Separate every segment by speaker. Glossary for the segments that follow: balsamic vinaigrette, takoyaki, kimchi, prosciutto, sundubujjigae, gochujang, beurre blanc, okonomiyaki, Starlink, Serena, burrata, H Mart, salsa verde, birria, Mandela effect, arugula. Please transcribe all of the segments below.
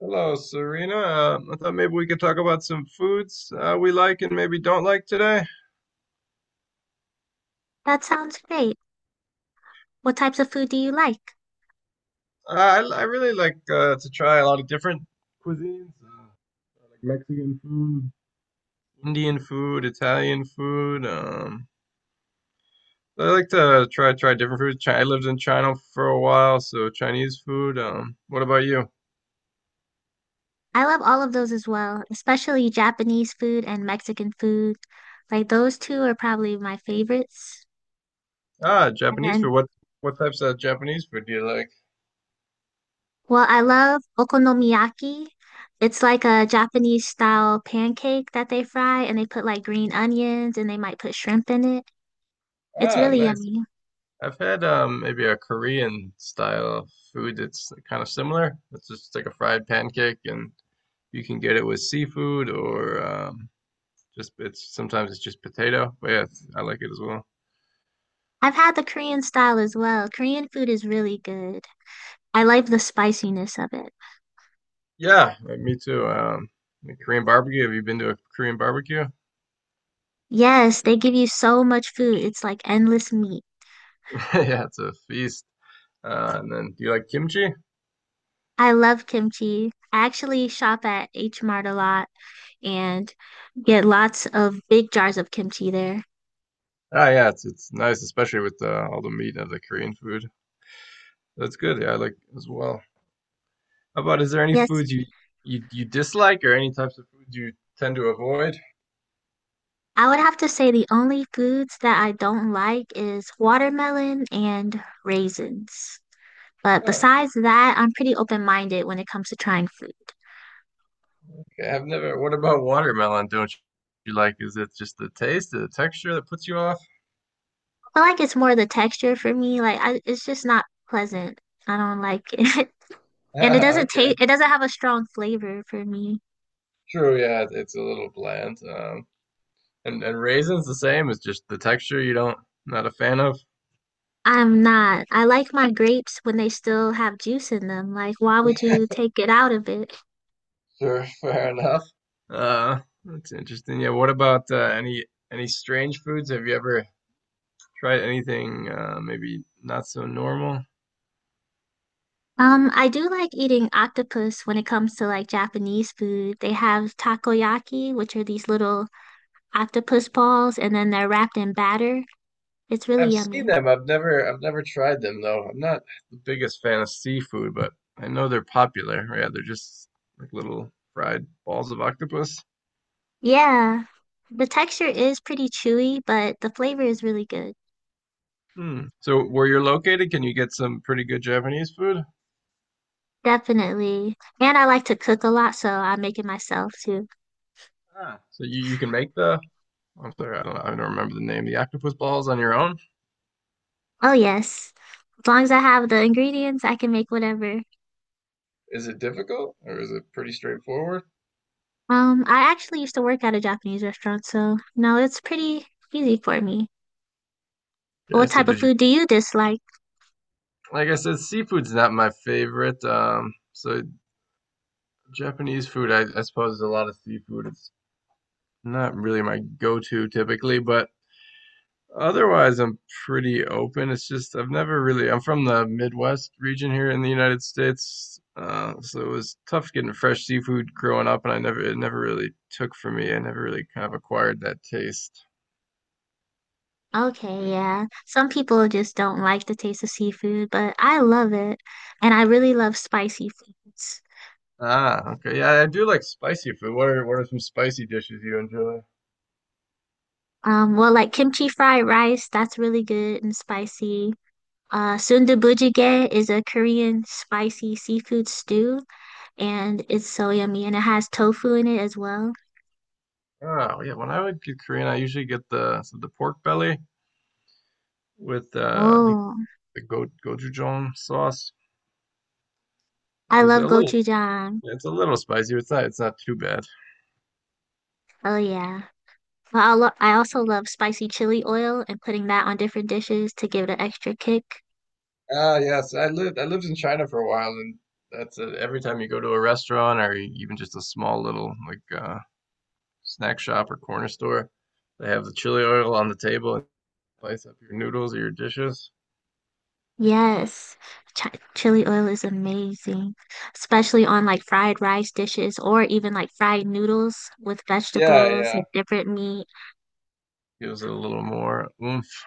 Speaker 1: Hello, Serena. I thought maybe we could talk about some foods we like and maybe don't like today.
Speaker 2: That sounds great. What types of food do you like?
Speaker 1: I really like to try a lot of different cuisines, like Mexican food, Indian food, Italian food. I like to try different foods. I lived in China for a while, so Chinese food. What about you?
Speaker 2: I love all of those as well, especially Japanese food and Mexican food. Like those two are probably my favorites.
Speaker 1: Ah,
Speaker 2: And
Speaker 1: Japanese food.
Speaker 2: then,
Speaker 1: What types of Japanese food do you like?
Speaker 2: well, I love okonomiyaki. It's like a Japanese style pancake that they fry and they put like green onions and they might put shrimp in it. It's
Speaker 1: Ah,
Speaker 2: really
Speaker 1: nice.
Speaker 2: yummy.
Speaker 1: I've had maybe a Korean style food that's kind of similar. It's just like a fried pancake, and you can get it with seafood or just it's sometimes it's just potato. But yeah, it's- I like it as well.
Speaker 2: I've had the Korean style as well. Korean food is really good. I like the spiciness of it.
Speaker 1: Yeah, me too. The Korean barbecue. Have you been to a Korean barbecue?
Speaker 2: Yes, they give you so much food. It's like endless meat.
Speaker 1: Yeah, it's a feast. And then, do you like kimchi?
Speaker 2: I love kimchi. I actually shop at H Mart a lot and get lots of big jars of kimchi there.
Speaker 1: Ah, yeah, it's nice, especially with all the meat of the Korean food. That's good. Yeah, I like as well. How about is there any
Speaker 2: Yes,
Speaker 1: foods you dislike or any types of foods you tend to avoid?
Speaker 2: I would have to say the only foods that I don't like is watermelon and raisins. But
Speaker 1: Oh,
Speaker 2: besides that, I'm pretty open-minded when it comes to trying food.
Speaker 1: okay. I've never. What about watermelon? Don't you like? Is it just the taste, the texture that puts you off?
Speaker 2: I like it's more the texture for me. Like I, it's just not pleasant. I don't like it. And it doesn't
Speaker 1: Okay,
Speaker 2: taste, it doesn't have a strong flavor for me.
Speaker 1: true. Yeah, it's a little bland. And raisins the same. It's just the texture you don't not a fan of.
Speaker 2: I'm not. I like my grapes when they still have juice in them. Like, why would you take it out of it?
Speaker 1: Sure, fair enough. That's interesting. Yeah. What about any strange foods? Have you ever tried anything maybe not so normal?
Speaker 2: I do like eating octopus when it comes to like Japanese food. They have takoyaki, which are these little octopus balls, and then they're wrapped in batter. It's really
Speaker 1: I've seen
Speaker 2: yummy.
Speaker 1: them. I've never tried them though. I'm not the biggest fan of seafood, but I know they're popular. Yeah, they're just like little fried balls of octopus.
Speaker 2: Yeah. The texture is pretty chewy, but the flavor is really good.
Speaker 1: Hmm. So where you're located, can you get some pretty good Japanese food?
Speaker 2: Definitely. And I like to cook a lot, so I make it myself too.
Speaker 1: Ah. So you can make the I'm sorry, I don't know, I don't remember the name. The octopus balls on your own?
Speaker 2: Oh, yes. As long as I have the ingredients, I can make whatever.
Speaker 1: Is it difficult or is it pretty straightforward?
Speaker 2: I actually used to work at a Japanese restaurant, so no, it's pretty easy for me.
Speaker 1: Okay,
Speaker 2: What
Speaker 1: so
Speaker 2: type of
Speaker 1: did you
Speaker 2: food do you dislike?
Speaker 1: like I said, seafood's not my favorite. So Japanese food, I suppose, is a lot of seafood. It's not really my go-to typically, but otherwise I'm pretty open. It's just I've never really I'm from the Midwest region here in the United States, so it was tough getting fresh seafood growing up, and I never it never really took for me. I never really kind of acquired that taste.
Speaker 2: Okay, yeah. Some people just don't like the taste of seafood, but I love it. And I really love spicy foods.
Speaker 1: Ah, okay. Yeah, I do like spicy food. What are some spicy dishes you enjoy?
Speaker 2: Well, like kimchi fried rice, that's really good and spicy. Sundubujjigae is a Korean spicy seafood stew, and it's so yummy, and it has tofu in it as well.
Speaker 1: Oh, yeah. When I would get Korean, I usually get the pork belly with I think
Speaker 2: Oh,
Speaker 1: the go gochujang sauce,
Speaker 2: I
Speaker 1: which is
Speaker 2: love
Speaker 1: a little.
Speaker 2: gochujang.
Speaker 1: Yeah, it's a little spicy. It's not. It's not too bad.
Speaker 2: Oh, yeah. But I also love spicy chili oil and putting that on different dishes to give it an extra kick.
Speaker 1: Ah, yes. I lived in China for a while, and that's every time you go to a restaurant or even just a small little like snack shop or corner store, they have the chili oil on the table and spice up your noodles or your dishes.
Speaker 2: Yes, chi chili oil is amazing, especially on like fried rice dishes or even like fried noodles with
Speaker 1: Yeah,
Speaker 2: vegetables
Speaker 1: yeah.
Speaker 2: and different meat.
Speaker 1: Gives it a little more oomph.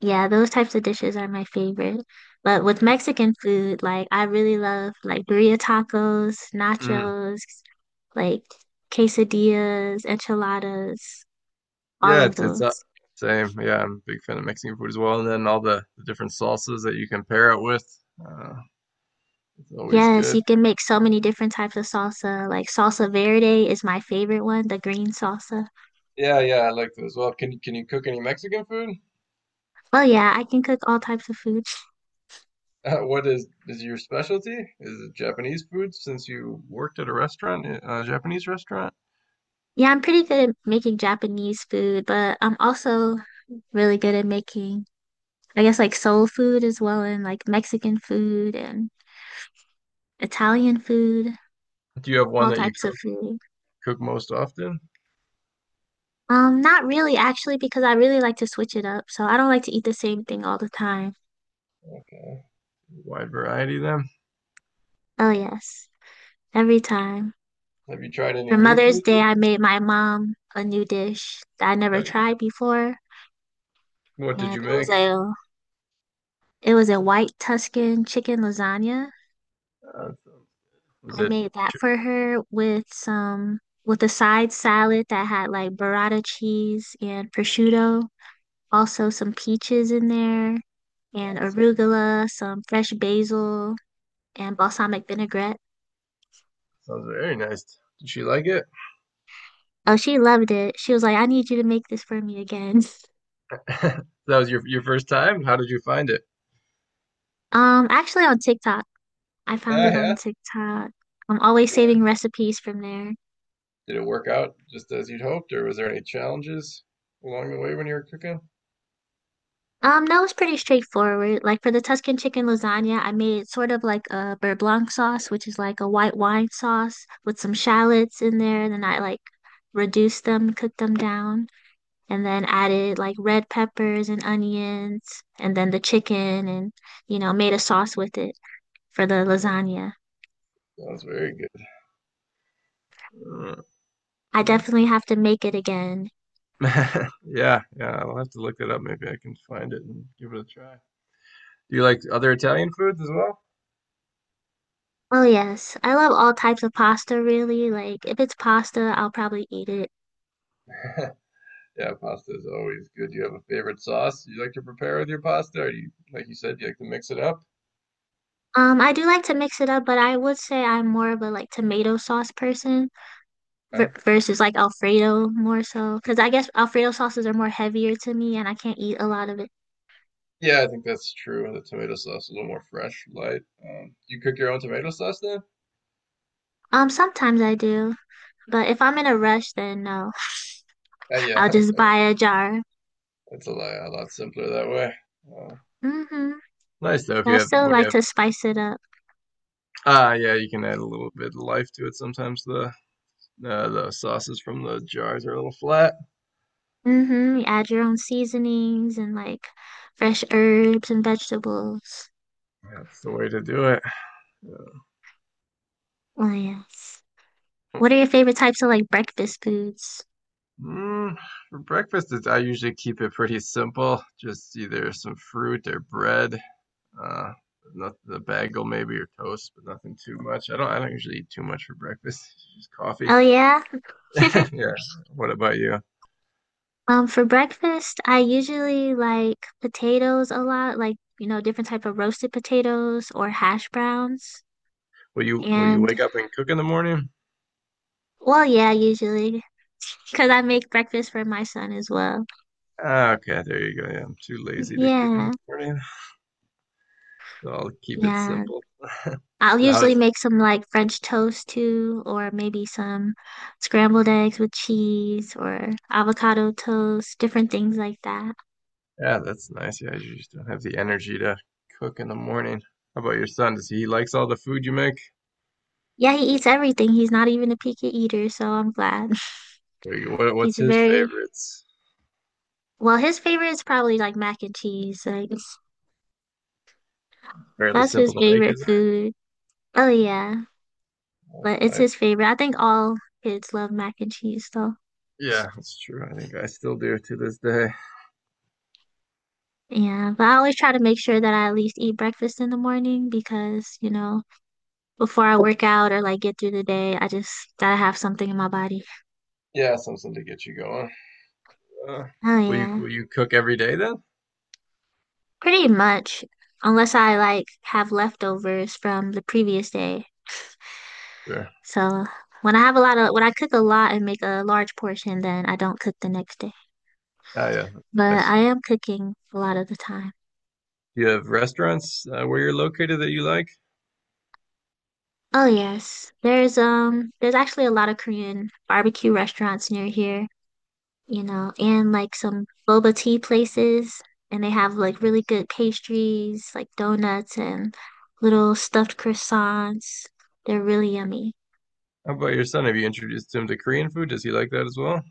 Speaker 2: Yeah, those types of dishes are my favorite. But with Mexican food, like I really love like birria tacos,
Speaker 1: Mm.
Speaker 2: nachos, like quesadillas, enchiladas, all
Speaker 1: Yeah,
Speaker 2: of
Speaker 1: it's
Speaker 2: those.
Speaker 1: same. Yeah, I'm a big fan of Mexican food as well, and then all the different salsas that you can pair it with. Uh, it's always
Speaker 2: Yes,
Speaker 1: good.
Speaker 2: you can make so many different types of salsa. Like salsa verde is my favorite one, the green salsa.
Speaker 1: Yeah, yeah, I like that as well. Can you cook any Mexican food?
Speaker 2: Well, yeah, I can cook all types of food.
Speaker 1: What is your specialty? Is it Japanese food since you worked at a restaurant, a Japanese restaurant?
Speaker 2: Yeah, I'm pretty good at making Japanese food, but I'm also really good at making, I guess, like soul food as well, and like Mexican food and Italian food,
Speaker 1: Do you have one
Speaker 2: all
Speaker 1: that you
Speaker 2: types of
Speaker 1: cook
Speaker 2: food.
Speaker 1: cook most often?
Speaker 2: Not really, actually, because I really like to switch it up. So I don't like to eat the same thing all the time.
Speaker 1: Okay. Wide variety then.
Speaker 2: Oh, yes, every time.
Speaker 1: Have you tried
Speaker 2: For
Speaker 1: any new
Speaker 2: Mother's
Speaker 1: foods?
Speaker 2: Day, I made my mom a new dish that I never
Speaker 1: Okay.
Speaker 2: tried before,
Speaker 1: What did
Speaker 2: and
Speaker 1: you make?
Speaker 2: it was a white Tuscan chicken lasagna.
Speaker 1: Uh, was
Speaker 2: I
Speaker 1: it
Speaker 2: made that
Speaker 1: chi-
Speaker 2: for her with a side salad that had like burrata cheese and prosciutto, also some peaches in there and
Speaker 1: yeah,
Speaker 2: arugula, some fresh basil and balsamic vinaigrette.
Speaker 1: sounds very nice. Did she like it?
Speaker 2: Oh, she loved it. She was like, "I need you to make this for me again."
Speaker 1: That was your first time? How did you find it?
Speaker 2: Actually on TikTok. I found it on
Speaker 1: Yeah,
Speaker 2: TikTok. I'm always
Speaker 1: yeah.
Speaker 2: saving recipes from there.
Speaker 1: Did it work out just as you'd hoped, or was there any challenges along the way when you were cooking?
Speaker 2: That was pretty straightforward. Like for the Tuscan chicken lasagna, I made sort of like a beurre blanc sauce, which is like a white wine sauce with some shallots in there. Then I like reduced them, cooked them down, and then added like red peppers and onions, and then the chicken, and you know, made a sauce with it for the lasagna.
Speaker 1: Sounds very good.
Speaker 2: I
Speaker 1: That's
Speaker 2: definitely have to make it again.
Speaker 1: Yeah, yeah, I'll have to look it up. Maybe I can find it and give it a try. Do you like other Italian foods as well?
Speaker 2: Oh yes, I love all types of pasta really. Like if it's pasta, I'll probably eat it.
Speaker 1: Yeah, pasta is always good. Do you have a favorite sauce you like to prepare with your pasta? Or you, like you said, you like to mix it up?
Speaker 2: I do like to mix it up, but I would say I'm more of a like tomato sauce person
Speaker 1: Yeah,
Speaker 2: versus like Alfredo more so, because I guess Alfredo sauces are more heavier to me and I can't eat a lot of it.
Speaker 1: yeah, I think that's true. The tomato sauce is a little more fresh, light. Do you cook your own tomato sauce then?
Speaker 2: Sometimes I do, but if I'm in a rush, then no,
Speaker 1: Yeah,
Speaker 2: I'll just buy a jar.
Speaker 1: it's a lot simpler that way. Uh,
Speaker 2: Mm-hmm.
Speaker 1: nice though if
Speaker 2: But
Speaker 1: you
Speaker 2: I
Speaker 1: have
Speaker 2: still
Speaker 1: what do you
Speaker 2: like
Speaker 1: have?
Speaker 2: to spice it up.
Speaker 1: Ah, yeah, you can add a little bit of life to it. Sometimes the sauces from the jars are a little flat.
Speaker 2: Mm-hmm. You add your own seasonings and like fresh herbs and vegetables.
Speaker 1: That's the way to do it.
Speaker 2: Oh yes. What are your favorite types of like breakfast foods?
Speaker 1: Mm, for breakfast, I usually keep it pretty simple. Just either some fruit or bread. Uh, not the bagel maybe or toast, but nothing too much. I don't. I don't usually eat too much for breakfast. Just coffee.
Speaker 2: Oh yeah.
Speaker 1: Yeah. What about you?
Speaker 2: For breakfast, I usually like potatoes a lot, like, you know, different type of roasted potatoes or hash browns.
Speaker 1: Will you
Speaker 2: And
Speaker 1: wake up and cook in the morning?
Speaker 2: Well, yeah, usually because I make breakfast for my son as well.
Speaker 1: Ah, okay, there you go. Yeah, I'm too lazy to cook in the
Speaker 2: Yeah.
Speaker 1: morning, so I'll keep it
Speaker 2: Yeah.
Speaker 1: simple.
Speaker 2: I'll
Speaker 1: So how
Speaker 2: usually
Speaker 1: does.
Speaker 2: make some like French toast too, or maybe some scrambled eggs with cheese or avocado toast, different things like that.
Speaker 1: Yeah, that's nice. Yeah, you just don't have the energy to cook in the morning. How about your son? Does he likes all the food you make?
Speaker 2: Yeah, he eats everything. He's not even a picky eater, so I'm glad.
Speaker 1: Like, what
Speaker 2: He's
Speaker 1: what's his
Speaker 2: very,
Speaker 1: favorites?
Speaker 2: well, his favorite is probably like mac and cheese. Like
Speaker 1: Fairly
Speaker 2: that's his
Speaker 1: simple to make,
Speaker 2: favorite
Speaker 1: isn't it?
Speaker 2: food. Oh yeah,
Speaker 1: That's
Speaker 2: but it's
Speaker 1: nice.
Speaker 2: his favorite. I think all kids love mac and cheese though.
Speaker 1: Yeah, that's true. I think I still do to this day.
Speaker 2: Yeah, but I always try to make sure that I at least eat breakfast in the morning because, you know, before I work out or like get through the day, I just gotta have something in my body.
Speaker 1: Yeah, something to get you going. Uh,
Speaker 2: Oh yeah,
Speaker 1: will you cook every day then?
Speaker 2: pretty much. Unless I like have leftovers from the previous day.
Speaker 1: Sure.
Speaker 2: So when I have when I cook a lot and make a large portion, then I don't cook the next day.
Speaker 1: Ah, yeah,
Speaker 2: But
Speaker 1: nice.
Speaker 2: I am cooking a lot of the time.
Speaker 1: Do you have restaurants where you're located that you like?
Speaker 2: Oh yes, there's actually a lot of Korean barbecue restaurants near here, you know, and like some boba tea places, and they have like really
Speaker 1: Yes.
Speaker 2: good pastries, like donuts and little stuffed croissants. They're really yummy.
Speaker 1: How about your son? Have you introduced him to Korean food? Does he like that as well?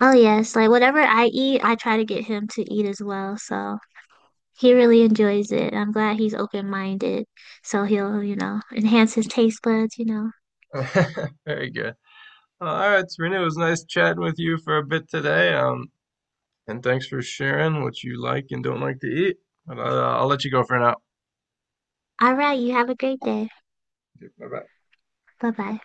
Speaker 2: Oh yes, like whatever I eat, I try to get him to eat as well. So he really enjoys it. I'm glad he's open-minded. So he'll, you know, enhance his taste buds, you know.
Speaker 1: Very good. All right, Serena, it was nice chatting with you for a bit today. And thanks for sharing what you like and don't like to eat. But, I'll let you go for now.
Speaker 2: All right, you have a great day.
Speaker 1: Bye bye.
Speaker 2: Bye-bye.